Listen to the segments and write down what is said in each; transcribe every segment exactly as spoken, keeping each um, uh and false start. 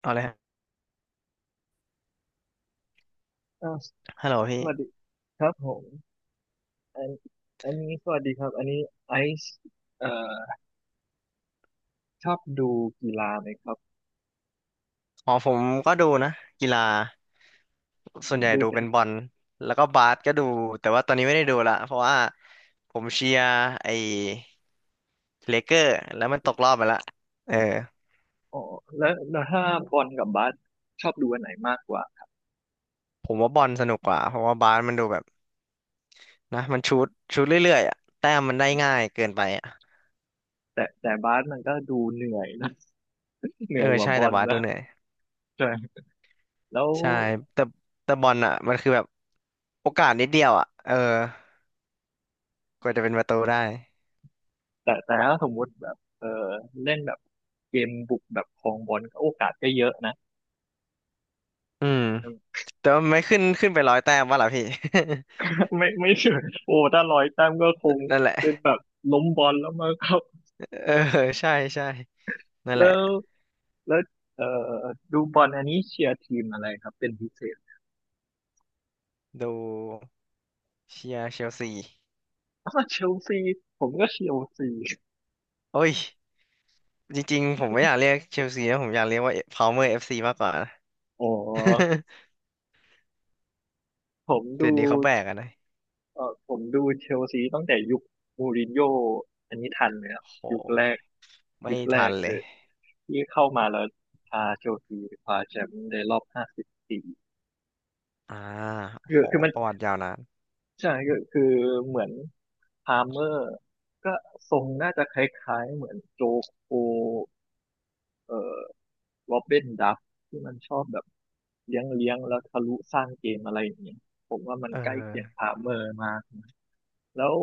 เอาเลยฮะอ่าฮัลโหลพี่สวัสดีครับผมอันอันนี้สวัสดีครับ อันนี้ไอซ์เอ่อชอบดูกีฬาไหมครับ อ๋อผมก็ดูนะกีฬาส่วนใหญ่ดูดูเป็นเป็นบอลแล้วก็บาสก็ดูแต่ว่าตอนนี้ไม่ได้ดูละเพราะว่าผมเชียร์ไอ้เลเกอร์แล้วมันตกรอบไปละเอออ๋อแล้วแล้วถ้าบอลกับบาสชอบดูอันไหนมากกว่า ผมว่าบอลสนุกกว่าเพราะว่าบาสมันดูแบบนะมันชูตชูตเรื่อยๆอะแต้มมันได้ง่ายเกินไปอะแต่แต่บาสมันก็ดูเหนื่อยนะ เหเอนื่ออยกว่าใช่บอแต่ลบาสดูนะเหนื่อยใช่แล้วใช่แต่แต่บอลอ่ะมันคือแบบโอกาสนิดเดียวอ่ะเออกว่าจะเป็นประตูได้แต่แต่ถ้าสมมุติแบบเออเล่นแบบเกมบุกแบบครองบอลก็โอกาสก็เยอะนะ อืมแต่ว่ามันไม่ขึ้นขึ้นไปร้อยแต้มวะล่ะพี่ ไม่ไม่เชื่อโอ้ถ้าร้อยแต้มก็คง นั่นแหละ เป็นแบบล้มบอลแล้วมั้งครับเออ ใช่ใช่นั่นแหแล้ละว แล้วเอ่อดูบอลอันนี้เชียร์ทีมอะไรครับเป็นพิเศษดูเชียร์เชลซีอ๋อเชลซีผมก็เชลซี โอ้ยจริงๆผมไม่อยากเรียกเชลซีนะผมอยากเรียกว่าพาวเมอร์เอฟซีมากกว่านะ อ๋อ ผมเดี๋ยดูวนี้เขาแบกอะนะเอ่อผมดูเชลซีตั้งแต่ยุคมูรินโญ่อันนี้ทันไหมครับโหยุคแรกไม่ยุคแรทักนเลเลยยที่เข้ามาแล้วพาเชลซีคว้าแชมป์ในรอบห้าสิบปีอ่าคือโหคือมันประวัติยาวนานใช่คือคือเหมือนพาเมอร์ก็ทรงน่าจะคล้ายๆเหมือนโจโคเอ่อ โรบินดับที่มันชอบแบบเลี้ยงเลี้ยงแล้วทะลุสร้างเกมอะไรอย่างเงี้ยผมว่ามันเอใกล้เคียงอพาเมอร์มากแล้ว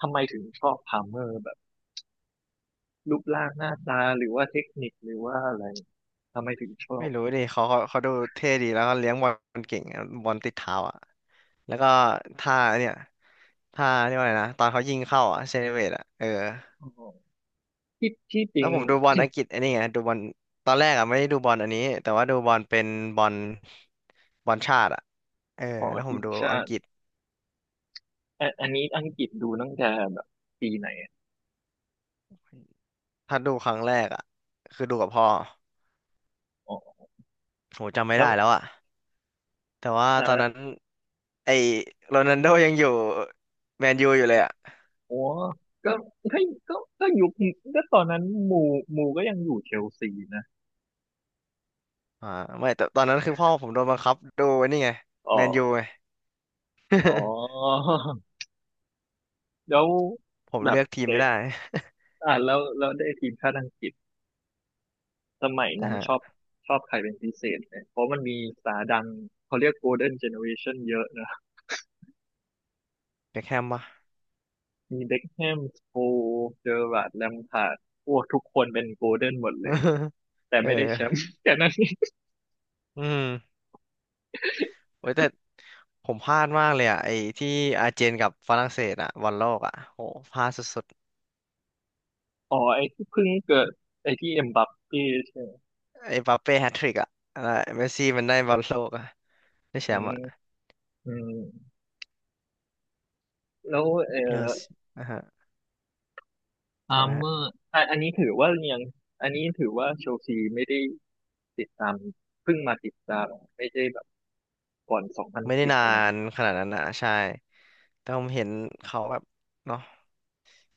ทำไมถึงชอบพาเมอร์แบบรูปร่างหน้าตาหรือว่าเทคนิคหรือว่าอะไรทำไมถึงชอไม่บรู้ดิเขาเขาเขาดูเท่ดีแล้วก็เลี้ยงบอลเก่งอะบอลติดเท้าอ่ะแล้วก็ท่าเนี่ยท่าเรียกว่าอะไรนะตอนเขายิงเข้าอ่ะเซเลเบรตอ่ะเออ อ๋อที่ที่จริแล้งวผมดูบอลอังกฤษไอันนี้ไงดูบอลตอนแรกอ่ะไม่ได้ดูบอลอันนี้แต่ว่าดูบอลเป็นบอลบอลชาติอ่ะเอออ๋อแล้วผทีมมดูชาอังติกฤษอันอันนี้อังกฤษดูตั้งแต่แบบปีไหนอะถ้าดูครั้งแรกอ่ะคือดูกับพ่ออ๋อโหจำไม่แล้ได้วแล้วอ่ะแต่ว่าเอตอนอนั้นไอ้โรนัลโดยังอยู่แมนยูอยู่เลยอ่ะโอ้ก็ก็ก็ก็ยุคก็ตอนนั้นหมูหมูก็ยังอยู่เชลซีนะอ่าไม่แต่ตอนนั้นคือพ่อผมโดนบังคับดูไอันนี้ไงอ๋อแมนยูไง อ๋อ แล้ว ผมแบเลืบอกทีมเดไม่ได้ อ่าแล้วแล้วได้ทีมชาติอังกฤษสมัย อ่านั้นฮะชอบชอบใครเป็นพิเศษเนี่ยเพราะมันมีสตาร์ดังเขาเรียกโกลเด้นเจเนอเรชันเยอะนะ เบคแฮมปะ มีเบ็คแฮมสโคเจอร์ราร์ดแลมพาร์ดโอ้ทุกคนเป็นโกลเด้นหมดเลย แต่เอไม่ได้แชมป์ อ แต่นั้นนีอืม โอ้ยแต่ผมพลาดมากเลยอ่ะไอ้ที่อาร์เจนกับฝรั่งเศสอ่ะบอลโลกอ่ะโหพลาดสุดอ๋อไอ้ที่เพิ่งเกิดไอ้ที่เอ็มบัปเป้ใช่ไหมๆไอ้มบัปเป้แฮตทริกอ่ะแล้วเมสซี่มันได้บอลโลกอ่ะได้แชอืมป์มอ่ะอืมแล้วเอ่เอออสอ่ะฮะอาทำไมร์เมฮะอร์อ่ะอันนี้ถือว่ายังอันนี้ถือว่าเชลซีไม่ได้ติดตามเพิ่งมาติดตามไม่ได้ ก่อนสองพันไม่ได้สิบนาอะไรอย่างนเงี้ยขนาดนั้นนะใช่แต่ผมเห็นเขาแบบเนาะ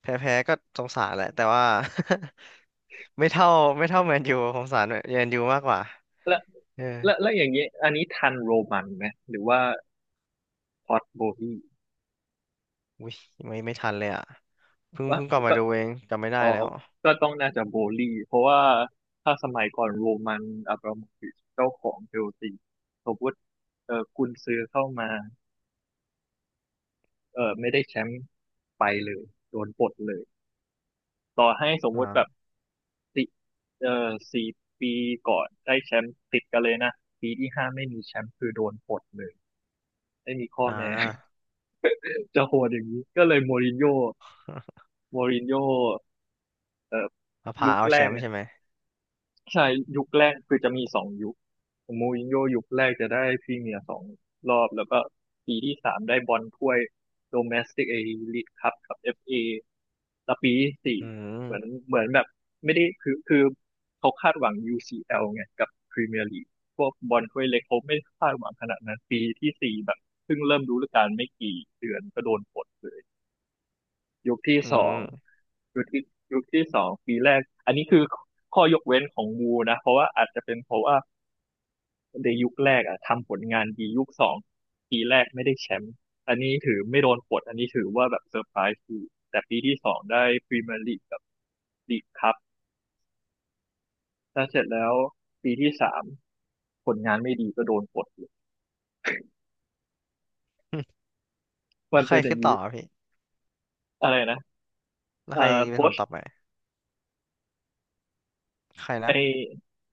แพ้ๆก็สงสารแหละแต่ว่า ไม่เท่าไม่เท่าแมนยูผมสงสารแมนยูมากกว่าแล้วเออแล้วแล้วอย่างเงี้ยอันนี้ทันโรมันไหมหรือว่าพอตโบลี่อุ้ยไม่ไม่ทันเลยอ่ะเพิ่งวะเพิ่งกลับมาก็ดูเองจำไม่ได้อ๋อแล้วก็ต้องน่าจะโบลี่เพราะว่าถ้าสมัยก่อนโรมันอับราโมวิชเจ้าของเชลซีสมมติเออกุนซือเข้ามาเออไม่ได้แชมป์ไปเลยโดนปลดเลยต่อให้สมมติแบบอ่าติเออสี่ปีก่อนได้แชมป์ติดกันเลยนะปีที่ห้าไม่มีแชมป์คือโดนปลดเลยไม่มีข้ออ่แม้ า จะโหดอย่างนี้ก็เลยโมรินโญ่ โมรินโญ่เอ่อมะพยุร้าควแรแชกมป์เนี่ยใช่ไหมใช่ยุคแรกคือจะมีสองยุคโมรินโญ่ยุคแรกจะได้พรีเมียร์สองรอบแล้วก็ปีที่สามได้บอลถ้วยโดเมสติกเอลี e คั p กับเอฟเอแล้วปีที่สี่อืมเหมือนเหมือนแบบไม่ได้คือคือเขาคาดหวัง ยู ซี แอล ไงกับพรีเมียร์ลีกพวกบอลถ้วยเล็กเขาไม่คาดหวังขนาดนั้นปีที่สี่แบบเพิ่งเริ่มฤดูกาลไม่กี่เดือนก็โดนปลดเลยยุคที่อืสอง ม ยุคที่ยุคที่สองปีแรกอันนี้คือข้อยกเว้นของบูนะเพราะว่าอาจจะเป็นเพราะว่าในยุคแรกอ่ะทำผลงานดียุคสองปีแรกไม่ได้แชมป์อันนี้ถือไม่โดนปลดอันนี้ถือว่าแบบเซอร์ไพรส์คือแต่ปีที่สองได้พรีเมียร์ลีกกับลีกคัพถ้าเสร็จแล้วปีที่สามผลงานไม่ดีก็โดนปลดเลย มันใครเป็นอย่าขึ้งนต่นี้อพี่อะไรนะแล้วเอ่อใครเป็นโค้คนชต่อไปใครไอนะ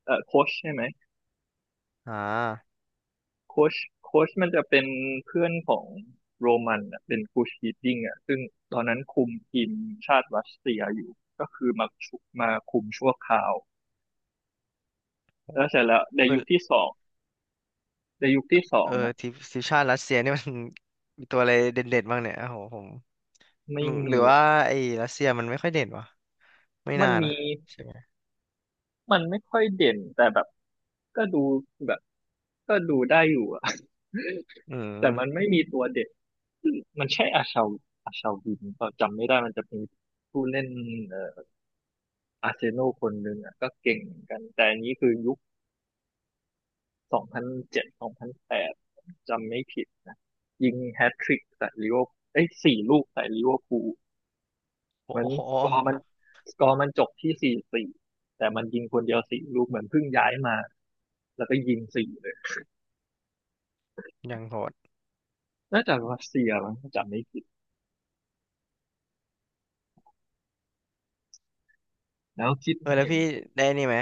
เอ่อโค้ชใช่ไหม อ่าโค้ชโค้ชมันจะเป็นเพื่อนของโรมันอะเป็นกูชฮีดดิ้งอ่ะซึ่งตอนนั้นคุมทีมชาติรัสเซียอยู่ก็คือมาชุมาคุมชั่วคราวแล้วเสร็จแล้วในเอยุอคที่สองในยุคที่สอเองอนะทีมทีมชาติรัสเซียนี่มัน มีตัวอะไรเด่นๆบ้างเนี่ยโอ้โหผมหไม่รือหมีรือว่าไอ้รัสเซียมันไม่ค่อยเด่นวะไม่มัน่านมีนะใช่ไหมมันไม่ค่อยเด่นแต่แบบก็ดูแบบก็ดูได้อยู่อะ อืแต่มันมไม่มีตัวเด็นมันใช่อาชาอาชาวินเปล่าจำไม่ได้มันจะมีผู้เล่นเอ่อ อาร์เซโนอลคนหนึ่งอ่ะก็เก่งเหมือนกันแต่อันนี้คือยุคสองพันเจ็ดสองพันแปดจำไม่ผิดนะยิงแฮตทริกใส่ลิเวอร์เอ้ยสี่ลูกใส่ลิเวอร์พูลโอ้เหมือนโหสกอร์มันสกอร์มันจบที่สี่สี่แต่มันยิงคนเดียวสี่ลูกเหมือนเพิ่งย้ายมาแล้วก็ยิงสี่เลยยังโหดน่าจะรัสเซียมั้งถ้าจำไม่ผิดแล้วคิดเออแล้วเห็นพี่ได้นี่ไหม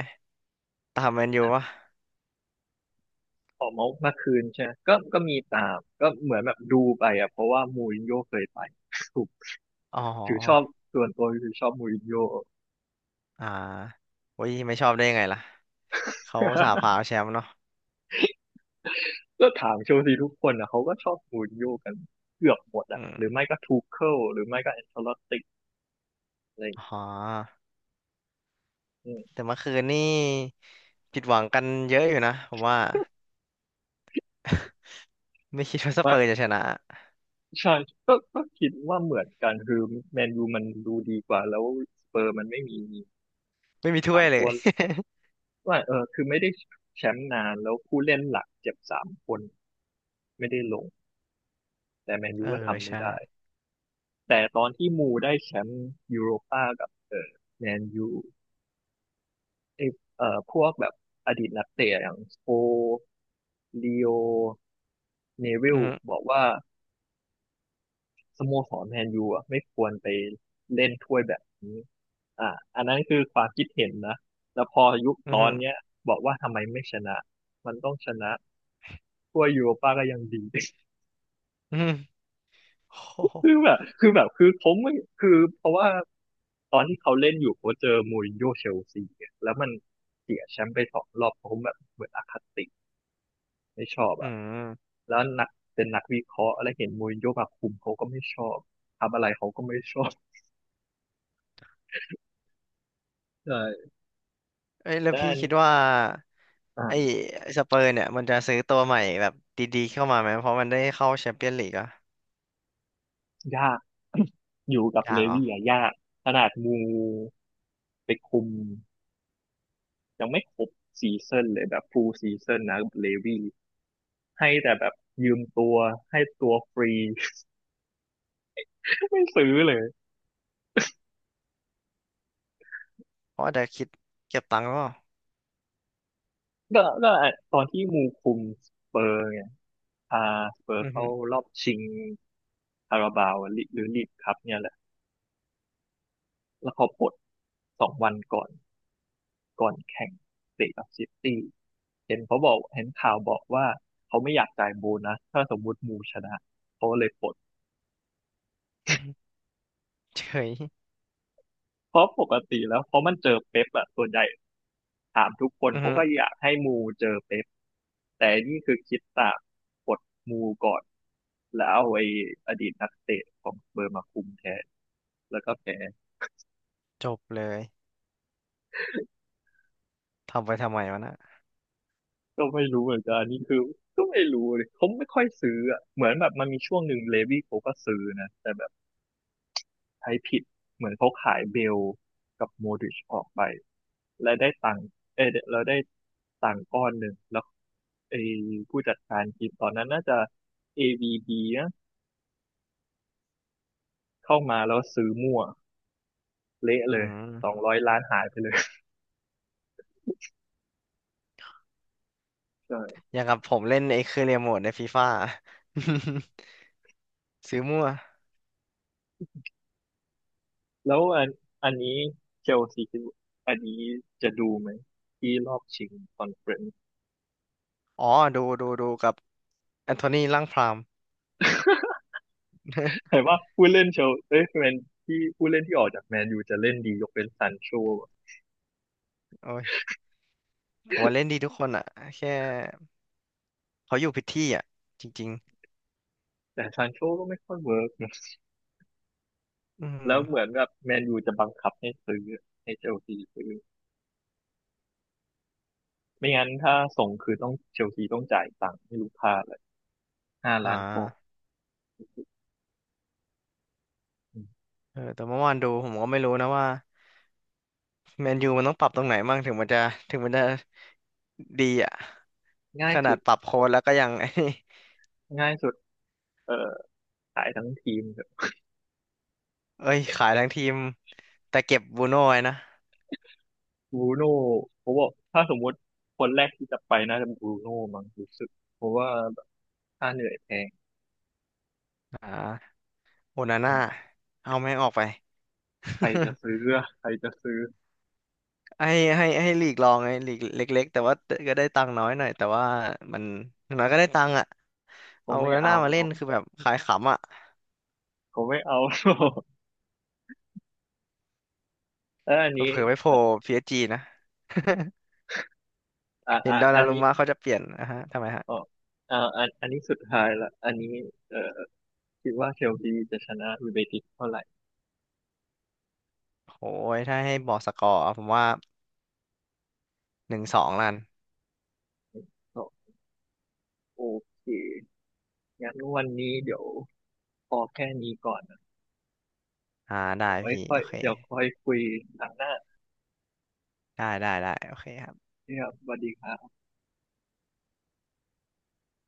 ตามแมนยูวะออกมาเมื่อคืนใช่ไหมก็ก็มีตามก็เหมือนแบบดูไปอ่ะเพราะว่ามูรินโญ่เคยไปถูกอ๋ถือชอบอส่วนตัวคือชอบมูรินโญ่ อ่าโอ้ยไม่ชอบได้ยังไงล่ะเขาสาพาเอาแชมป์เนาะก็ถามเชลซีทุกคนนะเขาก็ชอบมูรินโญ่กันเกือบหมดอือะมหรือไม่ก็ทูเคิลหรือไม่ก็แอนเชลอตติอะไรอย่างเงี้อ๋ยอ อืมแต่เมื่อคืนนี่ผิดหวังกันเยอะอยู่นะผมว่าไม่คิดว่าสเปว่าอร์จะชนะใช่ก็ก็คิดว่าเหมือนกันคือแมนยูมันดูดีกว่าแล้วสเปอร์มันไม่มีไม่มีถ้สาวมยเลตัย วว่าเออคือไม่ได้แชมป์นานแล้วผู้เล่นหลักเจ็บสามคนไม่ได้ลงแต่แมน ยูเออก็ทำไม่ใช่ได้แต่ตอนที่มูได้แชมป์ยูโรป้ากับเออแมนยูไอเออพวกแบบอดีตนักเตะอย่างสโปลีโอ เนวิอืลอฮึบอกว่าสโมสรแมนยูอ่ะไม่ควรไปเล่นถ้วยแบบนี้อ่าอันนั้นคือความคิดเห็นนะแล้วพอยุคอืตออฮึนเนี้ยบอกว่าทำไมไม่ชนะมันต้องชนะถ้วยยูโรป้าก็ยังดี อือฮึโอ้โหคือแบบคือแบบคือผมไม่คือเพราะว่าตอนที่เขาเล่นอยู่เขาเจอมูรินโญ่เชลซีอะแล้วมันเสียแชมป์ไปสองรอบผมแบบเหมือนอคติไม่ชอบอือ่ะมแล้วนักเป็นนักวิเคราะห์อะไรเห็นมูรินโญ่มาคุมเขาก็ไม่ชอบทำอะไรเขาก็ไม่ชอบใช่ เอ้ย แล้วแต่พี่อันคิดว่าอ่ไอ้า สเปอร์เนี่ยมันจะซื้อตัวใหม่แบบดีๆเข้ามาไหมเพราะมันได้เข้าแชมเปี้ยนลีกอะยากอยู่กับยาเลกเหรอวี่อะยากขนาดมูไปคุมยังไม่ครบซีซั่นเลยแบบฟูลซีซั่นนะเลวี่ให้แต่แบบยืมตัวให้ตัวฟรี ไม่ซื้อเลยเพราะอาจจะคิดเก็บตังค์ก็ก็ก็ตอนที่มูคุมสเปอร์เนี่ยพาสเปอร์อือเข้าฮึรอบชิงคาราบาวลิหรือลีกคัพเนี่ยแหละแล้วเขาปลดสองวันก่อนก่อนแข่งเตะกับซิตี้เห็นเขาบอกเห็นข่าวบอกว่าเขาไม่อยากจ่ายโบนัสถ้าสมมุติมูชนะเขาเลยปลด อือฮึเฉยเพราะปกติแล้วเพราะมันเจอเป๊ปอะส่วนใหญ่ถามทุกคนอือเขาฮึก็อยากให้มูเจอเป๊ปแต่นี่คือคิดต่างกดมูก่อนแล้วเอาไอ้อดีตนักเตะของสเบอร์มาคุมแทนแล้วก็แพ้จบเลยทำไปทำไมวะน่ะก็ไม่รู้เหมือนกันนี่คือก็ไม่รู้เลยเขาไม่ค่อยซื้ออะเหมือนแบบมันมีช่วงหนึ่งเลวี่เขาก็ซื้อนะแต่แบบใช้ผิดเหมือนเขาขายเบลกับโมดริชออกไปและได้ตังค์เออเราได้ตังค์ก้อนหนึ่งแล้วไอ้ผู้จัดการทีมตอนนั้นน่าจะ เอ วี บี เข้ามาแล้วซื้อมั่วเละอืเลยสมองร้อยล้านหายไปเลย ใช่อย่างกับผมเล่นไอ้เครือเรียโมทในฟีฟ่า ซื้อมั่วแล้วอันอันนี้เชลซีคิดว่าอันนี้จะดูไหมที่รอบชิงคอนเฟอเรนซ์อ๋อดูดูดูกับแอน โทนีล่างพราม แต่ว่าผู้เล่นเชลเอ้ยแมนที่ผู้เล่นที่ออกจากแมนยูจะเล่นดียกเป็นซานโชโอ้ยผมว่าเล่นดีทุกคนอ่ะแค่เขาอยู่ผิดที่อ่ะจริงแต่ซานโชก็ไม่ค่อยเวิร์กนะๆอืแล้มวเหมือนแบบแมนยูจะบังคับให้ซื้อให้เชลซีซื้อไม่งั้นถ้าส่งคือต้องเชลซีต้องจ่ายตังค์ให้ลูกค้าเลยห้าอ่ล้านปอนด์าอืมเออแต่เมื่อวานดูผมก็ไม่รู้นะว่าแมนยูมันต้องปรับตรงไหนบ้างถึงมันจะถึงมันจะดีอ่ะง่าขยนาสุดดปรับโค้ดแล้วก็ยัง ไอ้นี่ง่ายสุดเอ่อขายทั้งทีม เอ้ยขายทั้งทีมแต่เก็บบูโน่ไว้นะบรูโน่ผมบอกถ้าสมมติคนแรกที่จะไปน่าจะบรูโน่มั้งรู้สึกเพราะว่าค่าเหนื่อยแพงอ่าโอนาอืน่า มเอาแม่งออกไป ใครจะ ซื้ออะใครจะซื้อให้ให้ให้ลีกลองไงลีกเล็กๆแต่ว่าก็ได้ตังค์น้อยหน่อยแต่ว่ามันอย่างน้อยก็ได้ตังค์อ่ะเขาเอาโอไม่นาน่าเอามาหรเล่นอกคือแบบขายขำอ่ะเขาไม่เอาหรอก แล้วอันเผนี้ลอๆไปโผล่ เอ่อ พี เอส จี นะ อ่าเห็อ่านดอนอันานรุนี้มะเขาจะเปลี่ยนนะฮะทำไมฮะอ๋ออ่าอันอันนี้สุดท้ายละอันนี้เอ่อคิดว่าเชลซีจะชนะยูไนเต็ดเท่าไหร่โอ้ยถ้าให้บอกสกอร์ผมว่าหนึ่งสองลันก็โอเคงั้นวันนี้เดี๋ยวพอแค่นี้ก่อนนะอ่าได้เดี๋ยวไว้พี่ค่อโอยเคเดี๋ยวค่อยคุยหลังหน้าได้ได้ได้โอเคครับนะครับสวัสดีครับ